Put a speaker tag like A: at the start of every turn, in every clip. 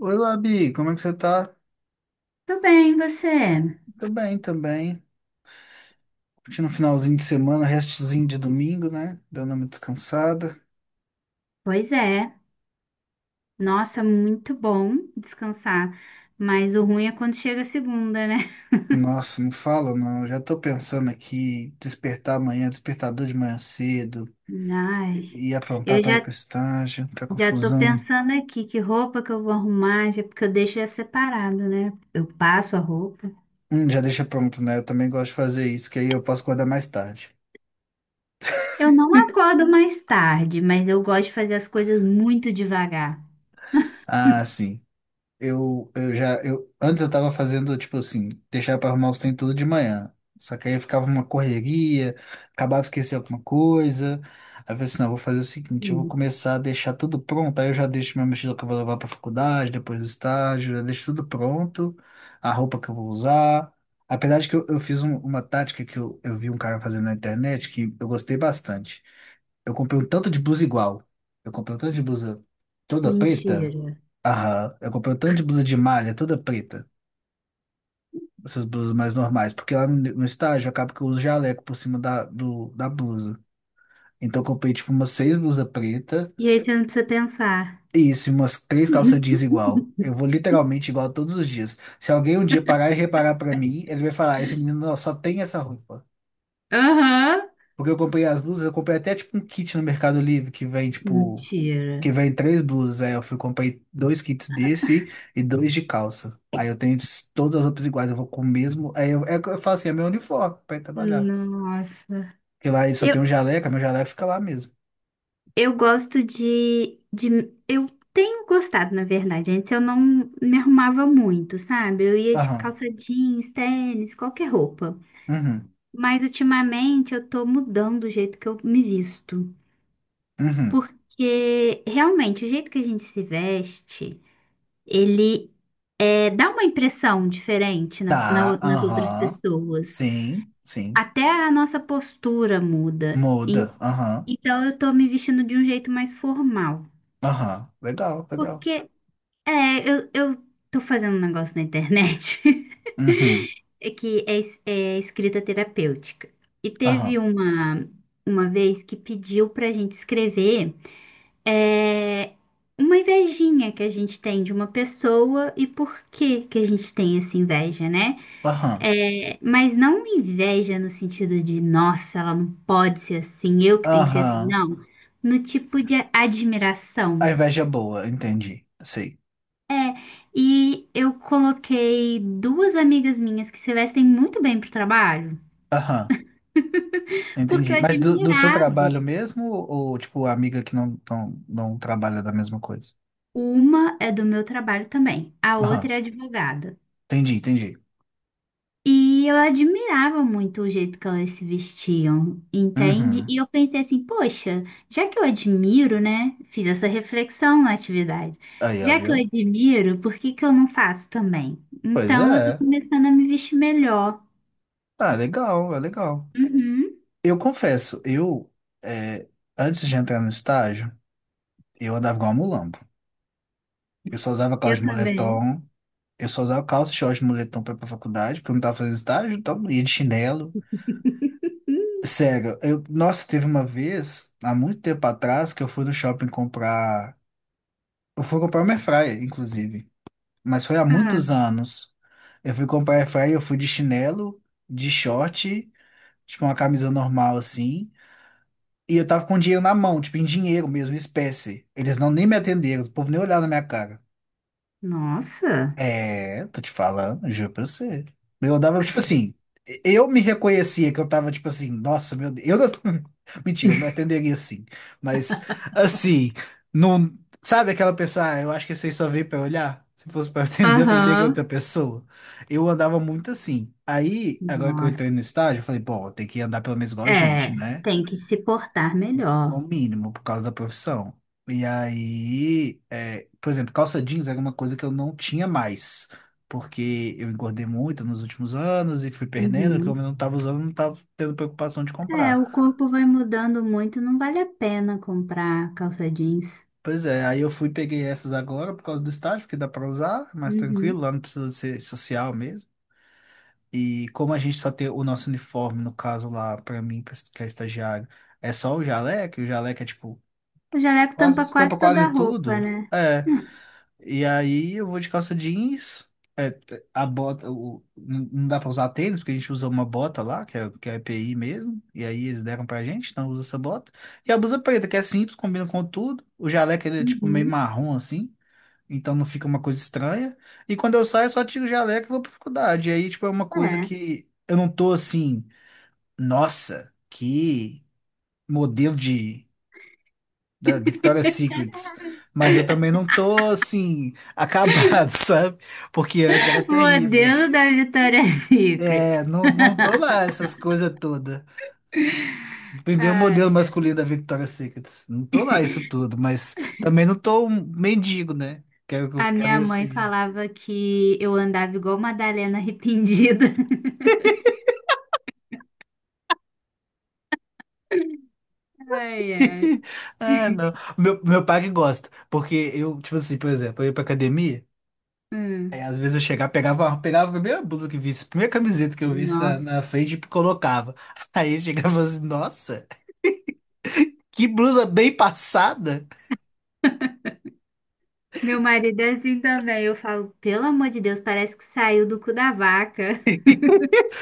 A: Oi, Labi, como é que você tá?
B: Tudo bem, você?
A: Tô bem também. Curtindo um finalzinho de semana, restezinho de domingo, né? Dando uma descansada.
B: Pois é. Nossa, muito bom descansar. Mas o ruim é quando chega a segunda, né?
A: Nossa, não fala não. Já tô pensando aqui, despertar amanhã, despertador de manhã cedo,
B: Ai,
A: e aprontar
B: eu
A: pra ir pro
B: já,
A: estágio, tá
B: já tô
A: confusão.
B: pensando aqui que roupa que eu vou arrumar, já, porque eu deixo já separado, né? Eu passo a roupa.
A: Já deixa pronto, né? Eu também gosto de fazer isso, que aí eu posso acordar mais tarde.
B: Eu não acordo mais tarde, mas eu gosto de fazer as coisas muito devagar.
A: Ah, sim. Antes eu tava fazendo, tipo assim, deixar pra arrumar os trem tudo de manhã. Só que aí ficava uma correria, acabava esquecer alguma coisa. Aí eu falei assim, não, eu vou fazer o seguinte, eu vou
B: Hum,
A: começar a deixar tudo pronto, aí eu já deixo minha mochila que eu vou levar pra faculdade, depois do estágio, já deixo tudo pronto, a roupa que eu vou usar. Apesar de que eu fiz uma tática que eu vi um cara fazendo na internet que eu gostei bastante. Eu comprei um tanto de blusa igual. Eu comprei um tanto de blusa toda
B: mentira.
A: preta. Aham. Eu comprei um tanto de blusa de malha toda preta. Essas blusas mais normais. Porque lá no estágio acaba que eu uso jaleco por cima da blusa. Então eu comprei tipo umas seis blusas pretas.
B: E aí você não precisa pensar.
A: E isso, e umas três calças jeans igual. Eu vou literalmente igual todos os dias. Se alguém um dia parar e reparar pra mim, ele vai falar: "Ah, esse menino ó, só tem essa roupa."
B: Aham.
A: Porque eu comprei as blusas, eu comprei até tipo um kit no Mercado Livre que vem tipo
B: Mentira.
A: que vem três blusas. Aí eu fui, comprei dois kits desse e dois de calça. Aí eu tenho todas as roupas iguais, eu vou com o mesmo. Aí eu, é, eu falo assim, é meu uniforme pra ir trabalhar.
B: Nossa.
A: Porque lá ele só
B: eu
A: tem um jaleco. Meu jaleco fica lá mesmo.
B: Eu gosto de, de. Eu tenho gostado, na verdade. Antes eu não me arrumava muito, sabe? Eu ia de
A: Aham.
B: calça jeans, tênis, qualquer roupa.
A: Uhum.
B: Mas ultimamente eu tô mudando o jeito que eu me visto.
A: Uhum.
B: Porque realmente o jeito que a gente se veste, ele é, dá uma impressão diferente
A: Tá,
B: nas outras
A: aham.
B: pessoas.
A: Sim, sim.
B: Até a nossa postura muda. Em-
A: Muda. Aham.
B: Então eu tô me vestindo de um jeito mais formal.
A: Aham. Legal, legal.
B: Porque eu tô fazendo um negócio na internet.
A: Uhum.
B: É escrita terapêutica. E teve
A: Aham.
B: uma vez que pediu pra gente escrever é, uma invejinha que a gente tem de uma pessoa e por que que a gente tem essa inveja, né?
A: Aham.
B: É, mas não uma inveja no sentido de, nossa, ela não pode ser assim, eu que tenho que ser assim,
A: Aham.
B: não. No tipo de
A: A
B: admiração.
A: inveja é boa, entendi. Sei.
B: É, e eu coloquei duas amigas minhas que se vestem muito bem para o trabalho,
A: Aham.
B: porque
A: Entendi.
B: eu
A: Mas do seu
B: admirava.
A: trabalho mesmo, ou tipo, amiga que não trabalha da mesma coisa?
B: Uma é do meu trabalho também, a
A: Aham.
B: outra é advogada.
A: Entendi, entendi.
B: E eu admirava muito o jeito que elas se vestiam, entende?
A: Uhum.
B: E eu pensei assim, poxa, já que eu admiro, né? Fiz essa reflexão na atividade.
A: Aí, ó,
B: Já que eu
A: viu?
B: admiro, por que que eu não faço também?
A: Pois
B: Então eu tô
A: é.
B: começando a me vestir melhor.
A: Ah, legal, é legal.
B: Uhum,
A: Eu confesso, eu, é, antes de entrar no estágio, eu andava igual um mulambo. Eu só usava calça
B: eu
A: de
B: também.
A: moletom, eu só usava calça e short de moletom pra ir pra faculdade, porque eu não tava fazendo estágio, então ia de chinelo. Sério, eu, nossa, teve uma vez, há muito tempo atrás, que eu fui no shopping comprar. Eu fui comprar uma airfryer, inclusive. Mas foi há
B: Ah,
A: muitos anos. Eu fui comprar airfryer, eu fui de chinelo, de short, tipo uma camisa normal assim. E eu tava com dinheiro na mão, tipo em dinheiro mesmo, em espécie. Eles não nem me atenderam, o povo nem olhava na minha cara.
B: nossa,
A: É, tô te falando, juro pra você. Eu dava, tipo
B: credo.
A: assim, eu me reconhecia que eu tava, tipo assim, nossa, meu Deus, eu não... Mentira, eu me atenderia assim. Mas, assim, não... Sabe aquela pessoa, ah, eu acho que vocês só veem pra olhar? Se fosse pra atender, eu atenderia outra
B: Aham.
A: pessoa. Eu andava muito assim. Aí, agora que eu
B: Nossa,
A: entrei no estágio, eu falei, bom, tem que andar pelo menos igual gente,
B: é,
A: né?
B: tem que se portar
A: No
B: melhor.
A: mínimo, por causa da profissão. E aí, é, por exemplo, calça jeans era uma coisa que eu não tinha mais, porque eu engordei muito nos últimos anos e fui perdendo, que eu
B: Uhum.
A: não estava usando, não estava tendo preocupação de
B: É,
A: comprar.
B: o corpo vai mudando muito, não vale a pena comprar calça jeans.
A: Pois é, aí eu fui e peguei essas agora por causa do estágio, porque dá para usar, é mais tranquilo,
B: Uhum.
A: lá não precisa ser social mesmo. E como a gente só tem o nosso uniforme, no caso lá, para mim, que é estagiário, é só o jaleco, e o jaleco é tipo,
B: O jaleco tampa
A: quase, tampa
B: quase toda
A: quase
B: a roupa,
A: tudo.
B: né?
A: É. E aí eu vou de calça jeans. É, é, a bota, o, não dá pra usar tênis, porque a gente usa uma bota lá, que é EPI mesmo. E aí eles deram pra gente, então usa essa bota. E a blusa preta, que é simples, combina com tudo. O jaleco ele é tipo meio
B: Uhum.
A: marrom assim, então não fica uma coisa estranha. E quando eu saio, eu só tiro o jaleco e vou pra faculdade. E aí, tipo, é uma coisa
B: É.
A: que eu não tô assim, nossa, que modelo de da Victoria's Secrets, mas eu também não tô assim acabado, sabe? Porque antes era terrível.
B: Modelo da Victoria's Secret.
A: É, não, não tô lá essas coisas todas. Primeiro modelo
B: Ai.
A: masculino da Victoria's Secrets. Não tô lá isso tudo, mas também não tô um mendigo, né? Quero que eu
B: A minha mãe
A: parecia.
B: falava que eu andava igual Madalena arrependida. Ai, ai.
A: Ah, não. Meu pai que gosta, porque eu, tipo assim, por exemplo, eu ia pra academia. Aí,
B: Hum.
A: às vezes eu chegava, pegava a primeira blusa que visse, a primeira camiseta que eu visse
B: Nossa.
A: na frente e colocava. Aí eu chegava assim, nossa, que blusa bem passada.
B: Meu marido é assim também. Eu falo, pelo amor de Deus, parece que saiu do cu da vaca.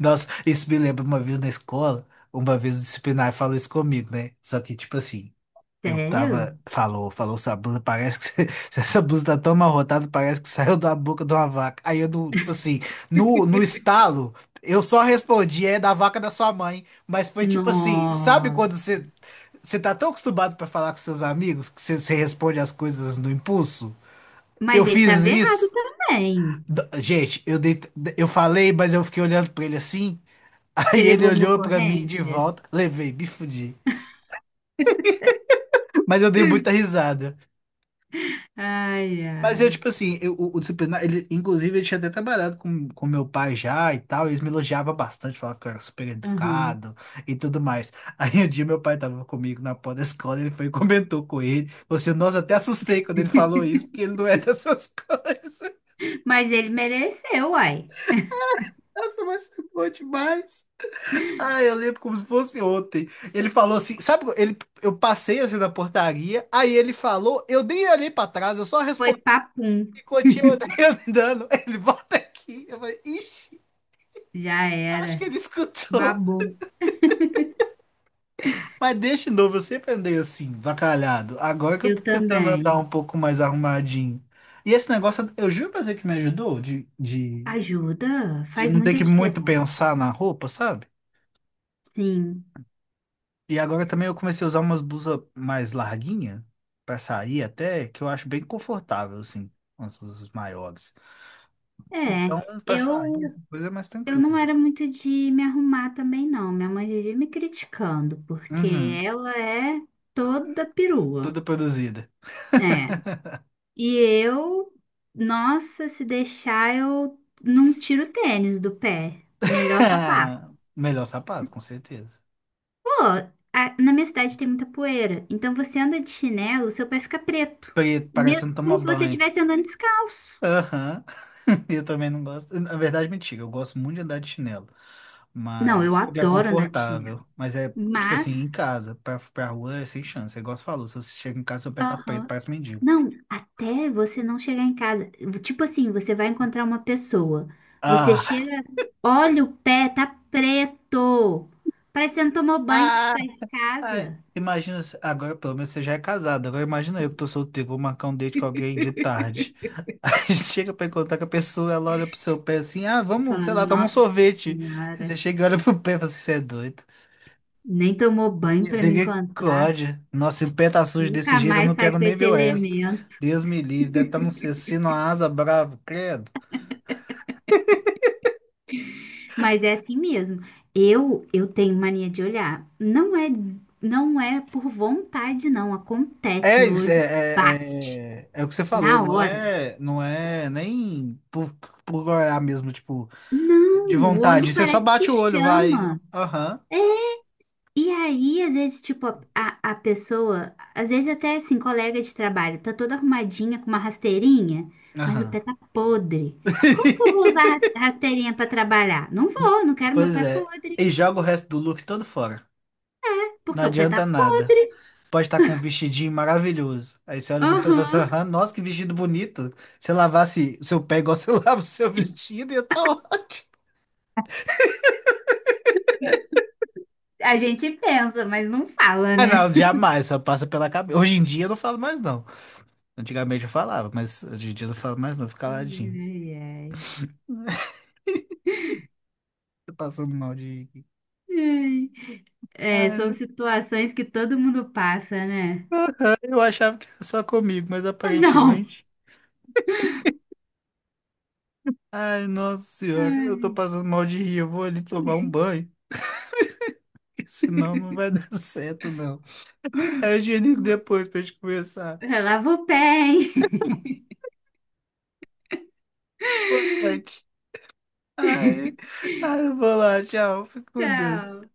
A: Nossa, isso me lembra uma vez na escola, uma vez o disciplinar falou isso comigo, né? Só que, tipo assim, eu tava,
B: Sério?
A: falou, sua blusa parece que, essa blusa tá tão amarrotada, parece que saiu da boca de uma vaca. Aí eu, tipo assim, no estalo, eu só respondi, é da vaca da sua mãe. Mas foi tipo assim, sabe quando
B: Nossa.
A: você... Você tá tão acostumado pra falar com seus amigos que você responde as coisas no impulso? Eu
B: Mas ele
A: fiz
B: tava errado
A: isso.
B: também.
A: Gente, eu falei, mas eu fiquei olhando pra ele assim.
B: Você
A: Aí ele
B: levou uma
A: olhou pra mim de
B: ocorrência?
A: volta. Levei, me fudi. Mas eu dei muita risada.
B: Ai,
A: Mas eu,
B: ai.
A: tipo assim, o disciplinar, ele, inclusive, ele tinha até trabalhado com meu pai já e tal, e eles me elogiavam bastante, falavam que eu era super
B: Aham.
A: educado e tudo mais. Aí um dia meu pai tava comigo na porta da escola, ele foi e comentou com ele. Você, nossa, até assustei quando ele falou isso, porque ele não é dessas coisas.
B: Mas ele mereceu, uai.
A: Nossa, mas foi bom demais. Ah, eu lembro como se fosse ontem. Ele falou assim, sabe, ele, eu passei assim na portaria, aí ele falou, eu nem olhei pra trás, eu só
B: Foi
A: respondi
B: papum.
A: e continuei andando. Ele volta aqui. Eu falei, "Ixi,
B: Já
A: acho que
B: era.
A: ele escutou."
B: Babou.
A: Mas deixa novo, eu sempre andei assim, vacalhado. Agora que eu tô
B: Eu
A: tentando andar
B: também.
A: um pouco mais arrumadinho. E esse negócio, eu juro pra você que me ajudou
B: Ajuda,
A: de
B: faz
A: não ter
B: muita
A: que muito
B: diferença.
A: pensar na roupa, sabe?
B: Sim.
A: E agora também eu comecei a usar umas blusas mais larguinha pra sair até, que eu acho bem confortável, assim, umas blusas maiores.
B: É.
A: Então, pra sair, essa
B: Eu
A: coisa é mais
B: Eu
A: tranquila.
B: não era muito de me arrumar também, não. Minha mãe vivia me criticando, porque
A: Uhum,
B: ela é toda perua.
A: tudo produzida.
B: É. E eu, nossa, se deixar, eu não tiro o tênis do pé. Melhor sapato.
A: Melhor sapato, com certeza.
B: Pô, na minha cidade tem muita poeira. Então você anda de chinelo, seu pé fica preto.
A: Preto,
B: Me-
A: parecendo tomar
B: Como se você
A: banho.
B: estivesse andando descalço.
A: Aham. Eu também não gosto. Na verdade, mentira, eu gosto muito de andar de chinelo.
B: Não, eu
A: Mas, porque é
B: adoro andar de
A: confortável.
B: chinelo.
A: Mas é, tipo
B: Mas,
A: assim, em casa. Pra rua é sem chance. É igual você falou, se você chega em casa, seu pé tá preto,
B: aham.
A: parece mendigo.
B: Não, até você não chegar em casa. Tipo assim, você vai encontrar uma pessoa. Você
A: Ah!
B: chega, olha o pé, tá preto. Parece que você não tomou banho antes de
A: Ah!
B: sair de
A: Ai.
B: casa.
A: Imagina, agora pelo menos você já é casado. Agora imagina eu que tô solteiro, vou marcar um date com alguém de tarde. Aí chega pra encontrar com a pessoa, ela olha pro seu pé assim, ah, vamos,
B: Fala,
A: sei lá, tomar um
B: nossa
A: sorvete. Aí você
B: senhora,
A: chega e olha pro pé e fala assim, você é doido.
B: nem tomou banho pra me encontrar.
A: Misericórdia. Nossa, se o pé tá sujo desse
B: Nunca
A: jeito, eu não
B: mais sai
A: quero
B: com
A: nem
B: esse
A: ver o resto.
B: elemento.
A: Deus me livre, deve estar num cecino, uma asa brava, credo.
B: Mas é assim mesmo. Eu tenho mania de olhar. Não é por vontade, não. Acontece, meu olho bate
A: É o que você falou,
B: na hora.
A: não é nem por, por olhar mesmo, tipo, de
B: Não, o
A: vontade.
B: olho
A: Você só
B: parece que
A: bate o olho, vai.
B: chama.
A: Aham,
B: É, e aí, às vezes, tipo, a pessoa, às vezes até assim, colega de trabalho, tá toda arrumadinha com uma rasteirinha, mas o
A: aham.
B: pé tá podre. Como que eu vou usar rasteirinha pra trabalhar? Não vou, não quero meu
A: Pois
B: pé
A: é. E
B: podre,
A: joga o resto do look todo fora. Não
B: porque o pé tá
A: adianta nada.
B: podre.
A: Pode estar com um vestidinho maravilhoso. Aí você olha pro pé e fala assim,
B: Aham.
A: "Ah, nossa, que vestido bonito. Se lavasse o seu pé igual você lava o seu vestido, ia estar ótimo."
B: A gente pensa, mas não fala,
A: Ah,
B: né?
A: não, jamais, só passa pela cabeça. Hoje em dia eu não falo mais, não. Antigamente eu falava, mas hoje em dia eu não falo mais, não. Fica ladinho.
B: Ai, ai.
A: Tô passando mal de... rir aqui.
B: Ai. É, são
A: Ai,
B: situações que todo mundo passa, né?
A: eu achava que era só comigo, mas
B: Não.
A: aparentemente... Ai, nossa senhora, eu tô
B: Ai.
A: passando mal de rir, eu vou ali tomar um banho. Senão não vai dar certo, não. É higiênico depois pra gente conversar.
B: Lava o pé, hein?
A: Boa noite. Ai, ai, eu vou lá, tchau. Fica com Deus.
B: Tchau.